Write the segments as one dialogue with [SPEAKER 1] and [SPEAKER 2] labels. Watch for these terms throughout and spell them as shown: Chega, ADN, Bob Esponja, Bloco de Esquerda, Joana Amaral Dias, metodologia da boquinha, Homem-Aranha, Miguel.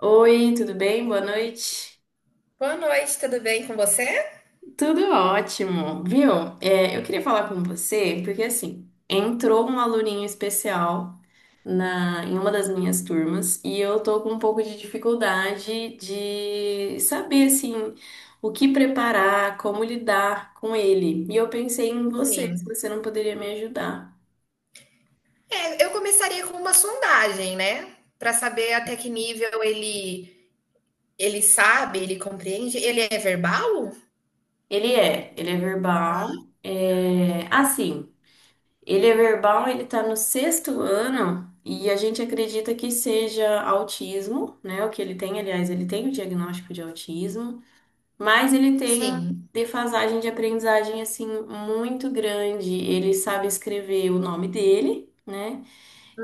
[SPEAKER 1] Oi, tudo bem? Boa noite.
[SPEAKER 2] Boa noite, tudo bem com você?
[SPEAKER 1] Tudo ótimo, viu? Eu queria falar com você porque assim entrou um aluninho especial na em uma das minhas turmas e eu tô com um pouco de dificuldade de saber assim o que preparar, como lidar com ele. E eu pensei em você, se
[SPEAKER 2] Sim.
[SPEAKER 1] você não poderia me ajudar.
[SPEAKER 2] É, eu começaria com uma sondagem, né? Para saber até que nível ele sabe, ele compreende. Ele é verbal?
[SPEAKER 1] Ele é verbal, é assim. Ele é verbal, ele está no sexto ano e a gente acredita que seja autismo, né? O que ele tem, aliás, ele tem o diagnóstico de autismo, mas ele tem uma
[SPEAKER 2] Sim.
[SPEAKER 1] defasagem de aprendizagem assim muito grande. Ele sabe escrever o nome dele, né?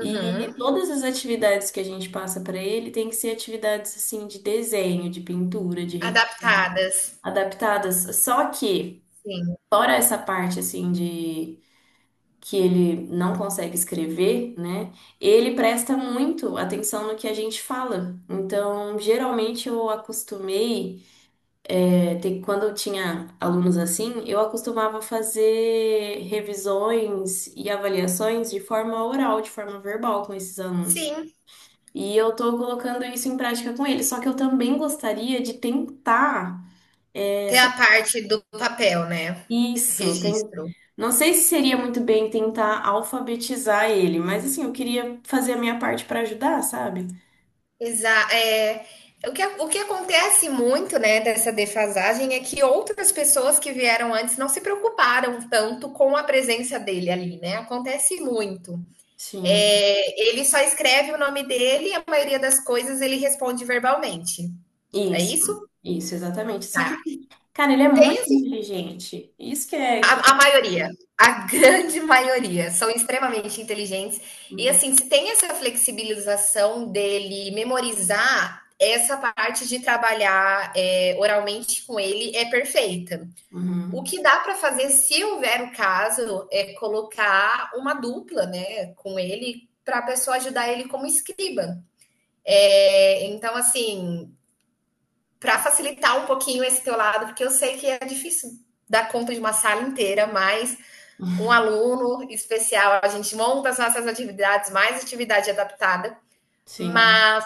[SPEAKER 1] E todas as atividades que a gente passa para ele tem que ser atividades assim de desenho, de pintura, de
[SPEAKER 2] Adaptadas.
[SPEAKER 1] adaptadas. Só que
[SPEAKER 2] Sim.
[SPEAKER 1] fora essa parte assim de que ele não consegue escrever, né? Ele presta muito atenção no que a gente fala. Então, geralmente eu acostumei, quando eu tinha alunos assim, eu acostumava fazer revisões e avaliações de forma oral, de forma verbal com esses alunos.
[SPEAKER 2] Sim.
[SPEAKER 1] E eu tô colocando isso em prática com eles, só que eu também gostaria de tentar é,
[SPEAKER 2] Tem a parte do papel, né?
[SPEAKER 1] Isso, tem.
[SPEAKER 2] Registro.
[SPEAKER 1] Não sei se seria muito bem tentar alfabetizar ele, mas assim, eu queria fazer a minha parte para ajudar, sabe?
[SPEAKER 2] Exa é, o que acontece muito, né, dessa defasagem é que outras pessoas que vieram antes não se preocuparam tanto com a presença dele ali, né? Acontece muito.
[SPEAKER 1] Sim,
[SPEAKER 2] É, ele só escreve o nome dele e a maioria das coisas ele responde verbalmente. É
[SPEAKER 1] isso,
[SPEAKER 2] isso?
[SPEAKER 1] isso, exatamente. Só
[SPEAKER 2] Tá.
[SPEAKER 1] que, cara, ele é
[SPEAKER 2] Tem
[SPEAKER 1] muito inteligente. Isso que é que.
[SPEAKER 2] a
[SPEAKER 1] é,
[SPEAKER 2] maioria, a grande maioria, são extremamente inteligentes. E
[SPEAKER 1] Uhum,
[SPEAKER 2] assim, se tem essa flexibilização dele memorizar, essa parte de trabalhar oralmente com ele é perfeita. O
[SPEAKER 1] uhum,
[SPEAKER 2] que dá para fazer, se houver o caso, é colocar uma dupla, né, com ele para a pessoa ajudar ele como escriba. É, então, assim, para facilitar um pouquinho esse teu lado, porque eu sei que é difícil dar conta de uma sala inteira, mas um aluno especial, a gente monta as nossas atividades, mais atividade adaptada,
[SPEAKER 1] sim,
[SPEAKER 2] mas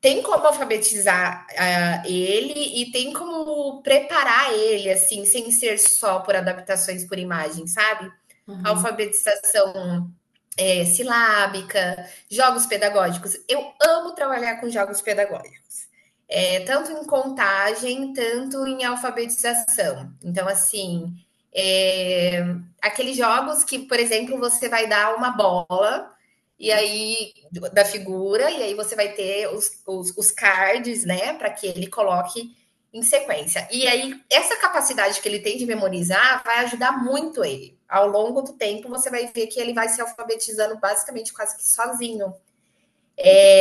[SPEAKER 2] tem como alfabetizar ele e tem como preparar ele, assim, sem ser só por adaptações por imagem, sabe?
[SPEAKER 1] uhum.
[SPEAKER 2] Alfabetização silábica, jogos pedagógicos. Eu amo trabalhar com jogos pedagógicos. É, tanto em contagem, tanto em alfabetização. Então, assim, é, aqueles jogos que, por exemplo, você vai dar uma bola e aí da figura, e aí você vai ter os cards, né, para que ele coloque em sequência. E aí, essa capacidade que ele tem de memorizar vai ajudar muito ele. Ao longo do tempo, você vai ver que ele vai se alfabetizando basicamente quase que sozinho.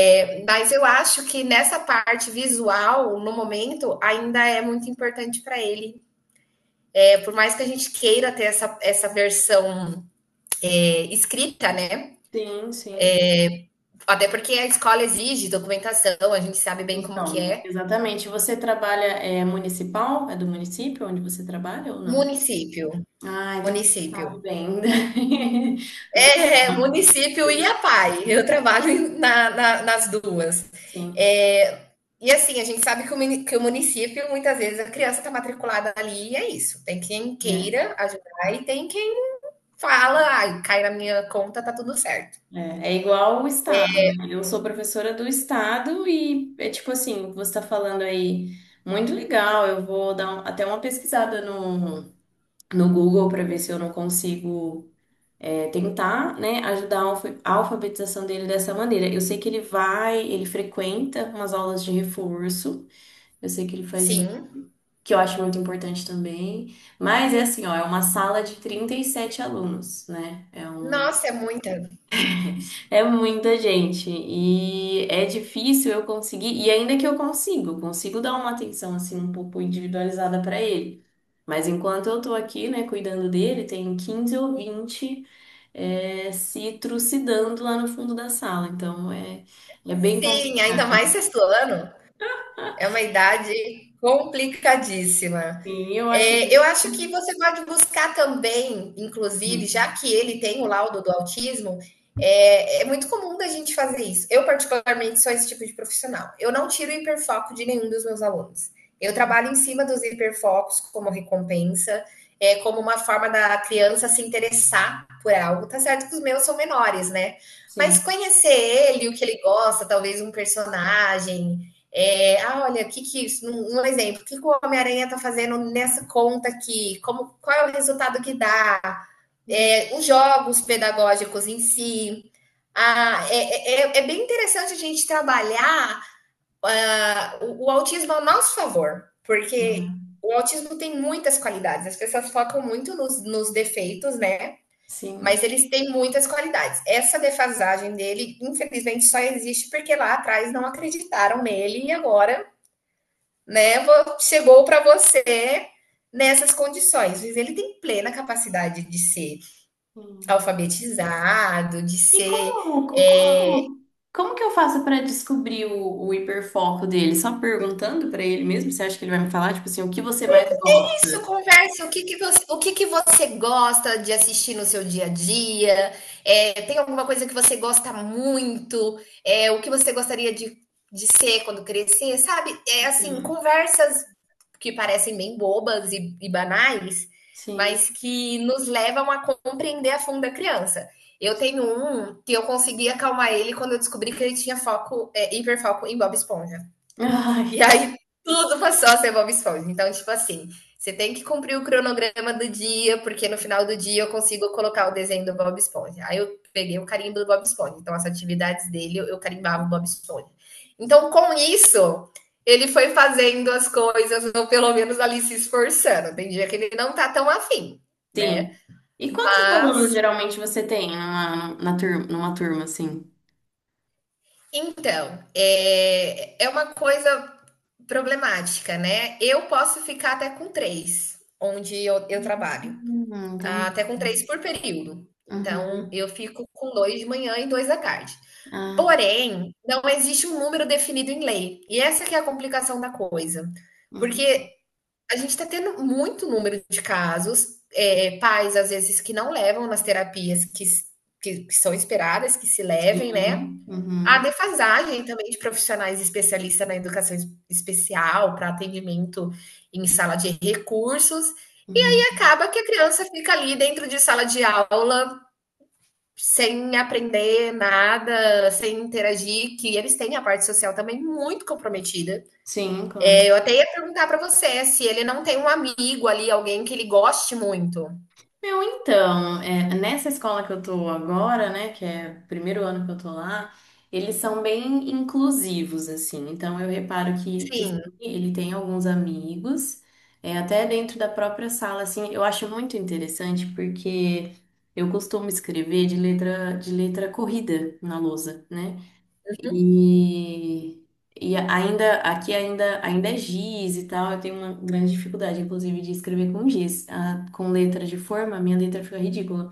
[SPEAKER 2] É, mas eu acho que nessa parte visual, no momento, ainda é muito importante para ele. É, por mais que a gente queira ter essa, essa versão escrita, né?
[SPEAKER 1] Sim, sim.
[SPEAKER 2] Até porque a escola exige documentação, a gente sabe bem como que
[SPEAKER 1] Então,
[SPEAKER 2] é.
[SPEAKER 1] exatamente. Você trabalha é municipal? É do município onde você trabalha ou não?
[SPEAKER 2] Município,
[SPEAKER 1] Ah,
[SPEAKER 2] município.
[SPEAKER 1] então você sabe bem.
[SPEAKER 2] É, é município e a
[SPEAKER 1] Do-
[SPEAKER 2] PAI. Eu trabalho na, nas duas.
[SPEAKER 1] Sim.
[SPEAKER 2] É, e assim, a gente sabe que o município, muitas vezes, a criança está matriculada ali e é isso. Tem quem
[SPEAKER 1] É.
[SPEAKER 2] queira ajudar e tem quem fala, ai, cai na minha conta, tá tudo certo.
[SPEAKER 1] É, é igual o Estado, né? Eu sou professora do Estado e é tipo assim, você está falando aí, muito legal, eu vou dar até uma pesquisada no Google para ver se eu não consigo tentar, né, ajudar a alfabetização dele dessa maneira. Eu sei que ele vai, ele frequenta umas aulas de reforço, eu sei que ele faz isso,
[SPEAKER 2] Sim.
[SPEAKER 1] que eu acho muito importante também, mas é assim, ó, é uma sala de 37 alunos, né? É um
[SPEAKER 2] Nossa, é muita.
[SPEAKER 1] é muita gente e é difícil eu conseguir, e ainda que eu consigo dar uma atenção assim um pouco individualizada para ele. Mas enquanto eu tô aqui, né, cuidando dele, tem 15 ou vinte se trucidando lá no fundo da sala. Então é, é bem
[SPEAKER 2] Sim, ainda
[SPEAKER 1] complicado.
[SPEAKER 2] mais sexto ano. É uma idade complicadíssima.
[SPEAKER 1] Sim, eu acho.
[SPEAKER 2] É, eu acho que você pode buscar também, inclusive, já
[SPEAKER 1] Sim.
[SPEAKER 2] que ele tem o laudo do autismo, muito comum da gente fazer isso. Eu, particularmente, sou esse tipo de profissional. Eu não tiro o hiperfoco de nenhum dos meus alunos. Eu trabalho em cima dos hiperfocos como recompensa, é, como uma forma da criança se interessar por algo. Tá certo que os meus são menores, né? Mas
[SPEAKER 1] Sim.
[SPEAKER 2] conhecer ele, o que ele gosta, talvez um personagem, olha, que isso? Um exemplo, o que, que o Homem-Aranha está fazendo nessa conta aqui? Como, qual é o resultado que dá? É, os jogos pedagógicos em si. Ah, é bem interessante a gente trabalhar o autismo ao nosso favor, porque
[SPEAKER 1] Uhum.
[SPEAKER 2] o autismo tem muitas qualidades. As pessoas focam muito nos defeitos, né? Mas
[SPEAKER 1] Sim.
[SPEAKER 2] eles têm muitas qualidades. Essa defasagem dele, infelizmente, só existe porque lá atrás não acreditaram nele e agora, né, chegou para você nessas condições. Ele tem plena capacidade de ser alfabetizado, de
[SPEAKER 1] E
[SPEAKER 2] ser
[SPEAKER 1] como,
[SPEAKER 2] é,
[SPEAKER 1] como, como que eu faço para descobrir o hiperfoco dele? Só perguntando para ele mesmo? Você acha que ele vai me falar, tipo assim, o que você mais
[SPEAKER 2] Isso,
[SPEAKER 1] gosta?
[SPEAKER 2] conversa. O que que você gosta de assistir no seu dia a dia? É, tem alguma coisa que você gosta muito? É, o que você gostaria de ser quando crescer? Sabe? É assim,
[SPEAKER 1] Hum,
[SPEAKER 2] conversas que parecem bem bobas e banais,
[SPEAKER 1] Sim.
[SPEAKER 2] mas que nos levam a compreender a fundo a criança. Eu tenho um que eu consegui acalmar ele quando eu descobri que ele tinha foco, hiperfoco em Bob Esponja.
[SPEAKER 1] Ai,
[SPEAKER 2] E aí tudo passou a ser Bob Esponja. Então, tipo assim, você tem que cumprir o cronograma do dia, porque no final do dia eu consigo colocar o desenho do Bob Esponja. Aí eu peguei o carimbo do Bob Esponja. Então, as atividades dele, eu carimbava o Bob Esponja. Então, com isso, ele foi fazendo as coisas, ou pelo menos ali se esforçando. Tem dia que ele não tá tão afim, né?
[SPEAKER 1] sim. E quantos alunos
[SPEAKER 2] Mas,
[SPEAKER 1] geralmente você tem numa, na turma, numa turma assim?
[SPEAKER 2] então, é uma coisa problemática, né? Eu posso ficar até com três, onde eu trabalho,
[SPEAKER 1] Entendi.
[SPEAKER 2] até com três por período. Então,
[SPEAKER 1] Uhum.
[SPEAKER 2] eu fico com dois de manhã e dois da tarde.
[SPEAKER 1] Ah, tá.
[SPEAKER 2] Porém, não existe um número definido em lei. E essa que é a complicação da coisa.
[SPEAKER 1] Uhum.
[SPEAKER 2] Porque a gente está tendo muito número de casos, pais, às vezes, que não levam nas terapias que são esperadas, que se levem, né?
[SPEAKER 1] Sim.
[SPEAKER 2] A
[SPEAKER 1] Uhum.
[SPEAKER 2] defasagem também de profissionais especialistas na educação especial para atendimento em sala de recursos, e
[SPEAKER 1] Uhum.
[SPEAKER 2] aí acaba que a criança fica ali dentro de sala de aula sem aprender nada, sem interagir, que eles têm a parte social também muito comprometida.
[SPEAKER 1] Sim, claro.
[SPEAKER 2] É, eu até ia perguntar para você se ele não tem um amigo ali, alguém que ele goste muito.
[SPEAKER 1] Meu, então, é, nessa escola que eu tô agora, né, que é o primeiro ano que eu tô lá, eles são bem inclusivos, assim. Então, eu reparo que sim,
[SPEAKER 2] Sim,
[SPEAKER 1] ele tem alguns amigos, é, até dentro da própria sala, assim. Eu acho muito interessante porque eu costumo escrever de letra corrida na lousa, né? E, e ainda aqui ainda é giz e tal. Eu tenho uma grande dificuldade, inclusive, de escrever com giz, ah, com letra de forma. Minha letra fica ridícula.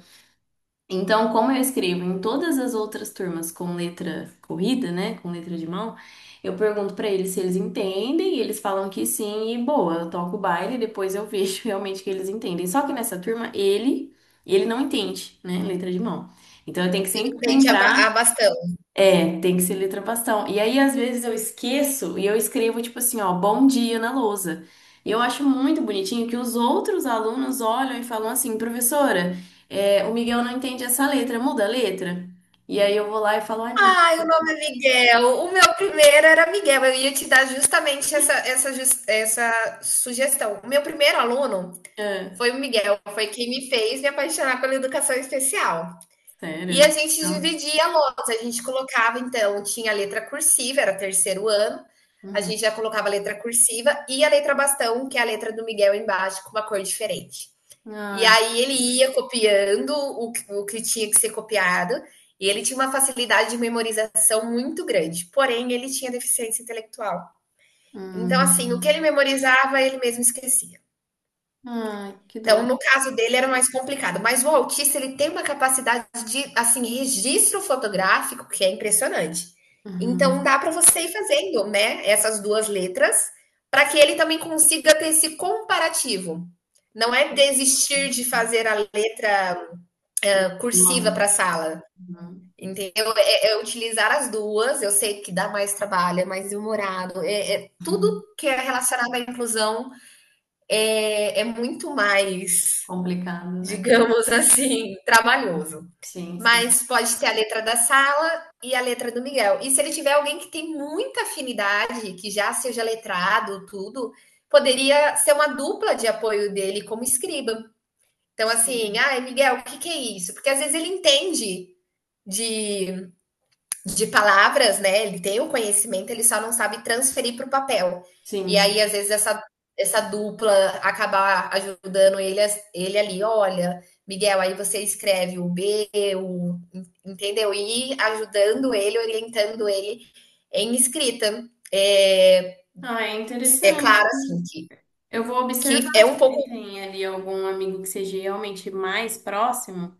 [SPEAKER 1] Então, como eu escrevo em todas as outras turmas com letra corrida, né, com letra de mão, eu pergunto pra eles se eles entendem e eles falam que sim e boa. Eu toco o baile, e depois eu vejo realmente que eles entendem. Só que nessa turma ele não entende, né, letra de mão. Então eu tenho que
[SPEAKER 2] ele
[SPEAKER 1] sempre
[SPEAKER 2] entende
[SPEAKER 1] lembrar
[SPEAKER 2] bastante.
[SPEAKER 1] tem que ser letra bastão. E aí, às vezes, eu esqueço e eu escrevo, tipo assim, ó, bom dia na lousa. E eu acho muito bonitinho que os outros alunos olham e falam assim, professora, o Miguel não entende essa letra, muda a letra. E aí eu vou lá e falo, ai, meu Deus,
[SPEAKER 2] Ai, o nome é Miguel. O meu primeiro era Miguel. Eu ia te dar justamente essa sugestão. O meu primeiro aluno
[SPEAKER 1] é,
[SPEAKER 2] foi o Miguel, foi quem me fez me apaixonar pela educação especial. E a
[SPEAKER 1] sério?
[SPEAKER 2] gente
[SPEAKER 1] Não.
[SPEAKER 2] dividia a lousa, a gente colocava, então, tinha a letra cursiva, era terceiro ano, a
[SPEAKER 1] Uhum.
[SPEAKER 2] gente já colocava a letra cursiva e a letra bastão, que é a letra do Miguel embaixo, com uma cor diferente. E
[SPEAKER 1] Ai,
[SPEAKER 2] aí ele ia copiando o que tinha que ser copiado, e ele tinha uma facilidade de memorização muito grande, porém ele tinha deficiência intelectual. Então, assim, o que ele
[SPEAKER 1] hum.
[SPEAKER 2] memorizava, ele mesmo esquecia.
[SPEAKER 1] Ai, que
[SPEAKER 2] Então,
[SPEAKER 1] dor.
[SPEAKER 2] no caso dele, era mais complicado. Mas o autista, ele tem uma capacidade de, assim, registro fotográfico que é impressionante. Então,
[SPEAKER 1] Uhum.
[SPEAKER 2] dá para você ir fazendo, né, essas duas letras, para que ele também consiga ter esse comparativo. Não é desistir de fazer a letra
[SPEAKER 1] De mão,
[SPEAKER 2] cursiva
[SPEAKER 1] né?
[SPEAKER 2] para a sala.
[SPEAKER 1] Uhum.
[SPEAKER 2] Entendeu? É utilizar as duas. Eu sei que dá mais trabalho, é mais demorado. Tudo que é relacionado à inclusão muito mais,
[SPEAKER 1] Complicado, né?
[SPEAKER 2] digamos assim, trabalhoso.
[SPEAKER 1] Sim, sim,
[SPEAKER 2] Mas pode ter a letra da sala e a letra do Miguel. E se ele tiver alguém que tem muita afinidade, que já seja letrado, tudo, poderia ser uma dupla de apoio dele como escriba. Então, assim,
[SPEAKER 1] sim,
[SPEAKER 2] ah, Miguel, o que que é isso? Porque às vezes ele entende de, de palavras, né? Ele tem o conhecimento, ele só não sabe transferir para o papel. E
[SPEAKER 1] sim,
[SPEAKER 2] aí, às
[SPEAKER 1] sim.
[SPEAKER 2] vezes, essa dupla acabar ajudando ele, ele ali, olha, Miguel, aí você escreve o B, o, entendeu? E ajudando ele, orientando ele em escrita. É,
[SPEAKER 1] Ah, é
[SPEAKER 2] é claro,
[SPEAKER 1] interessante.
[SPEAKER 2] assim,
[SPEAKER 1] Eu vou observar
[SPEAKER 2] que é um
[SPEAKER 1] se
[SPEAKER 2] pouco,
[SPEAKER 1] ele tem ali algum amigo que seja realmente mais próximo,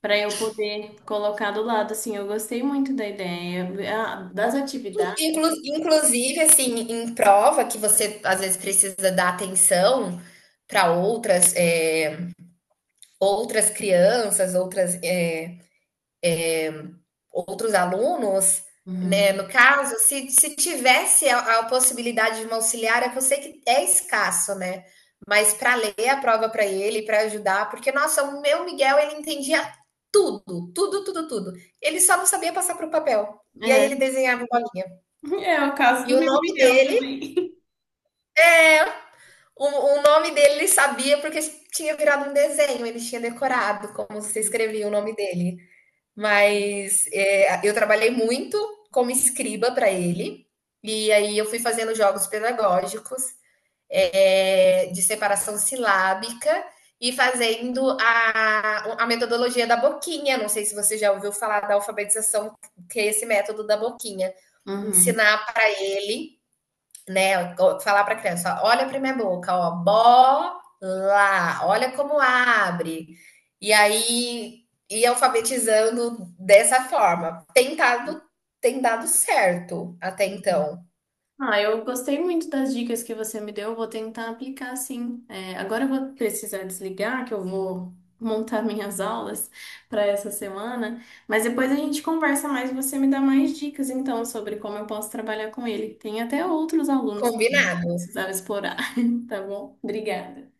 [SPEAKER 1] para eu poder colocar do lado. Assim, eu gostei muito da ideia, ah, das atividades.
[SPEAKER 2] inclu, inclusive, assim, em prova, que você às vezes precisa dar atenção para outras, outras crianças, outras, outros alunos, né?
[SPEAKER 1] Uhum.
[SPEAKER 2] No caso, se tivesse a possibilidade de uma auxiliar, é que eu sei que é escasso, né? Mas para ler a prova para ele, para ajudar, porque, nossa, o meu Miguel, ele entendia tudo, tudo, tudo, tudo. Ele só não sabia passar para o papel. E aí
[SPEAKER 1] É,
[SPEAKER 2] ele desenhava bolinha.
[SPEAKER 1] é o caso
[SPEAKER 2] E
[SPEAKER 1] do
[SPEAKER 2] o
[SPEAKER 1] meu
[SPEAKER 2] nome
[SPEAKER 1] Miguel
[SPEAKER 2] dele
[SPEAKER 1] também.
[SPEAKER 2] é. O nome dele ele sabia porque tinha virado um desenho, ele tinha decorado como se escrevia o nome dele. Mas eu trabalhei muito como escriba para ele, e aí eu fui fazendo jogos pedagógicos, de separação silábica e fazendo a metodologia da boquinha. Não sei se você já ouviu falar da alfabetização, que é esse método da boquinha.
[SPEAKER 1] Uhum.
[SPEAKER 2] Ensinar para ele, né? Falar para a criança, ó, olha para minha boca, ó, bola, olha como abre. E aí ir alfabetizando dessa forma. Tem dado certo até então.
[SPEAKER 1] Ah, eu gostei muito das dicas que você me deu, eu vou tentar aplicar sim. É, agora eu vou precisar desligar, que eu vou montar minhas aulas para essa semana, mas depois a gente conversa mais e você me dá mais dicas então sobre como eu posso trabalhar com ele. Tem até outros alunos também que
[SPEAKER 2] Combinado.
[SPEAKER 1] precisaram explorar, tá bom? Obrigada.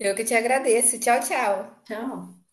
[SPEAKER 2] Eu que te agradeço. Tchau, tchau.
[SPEAKER 1] Tchau.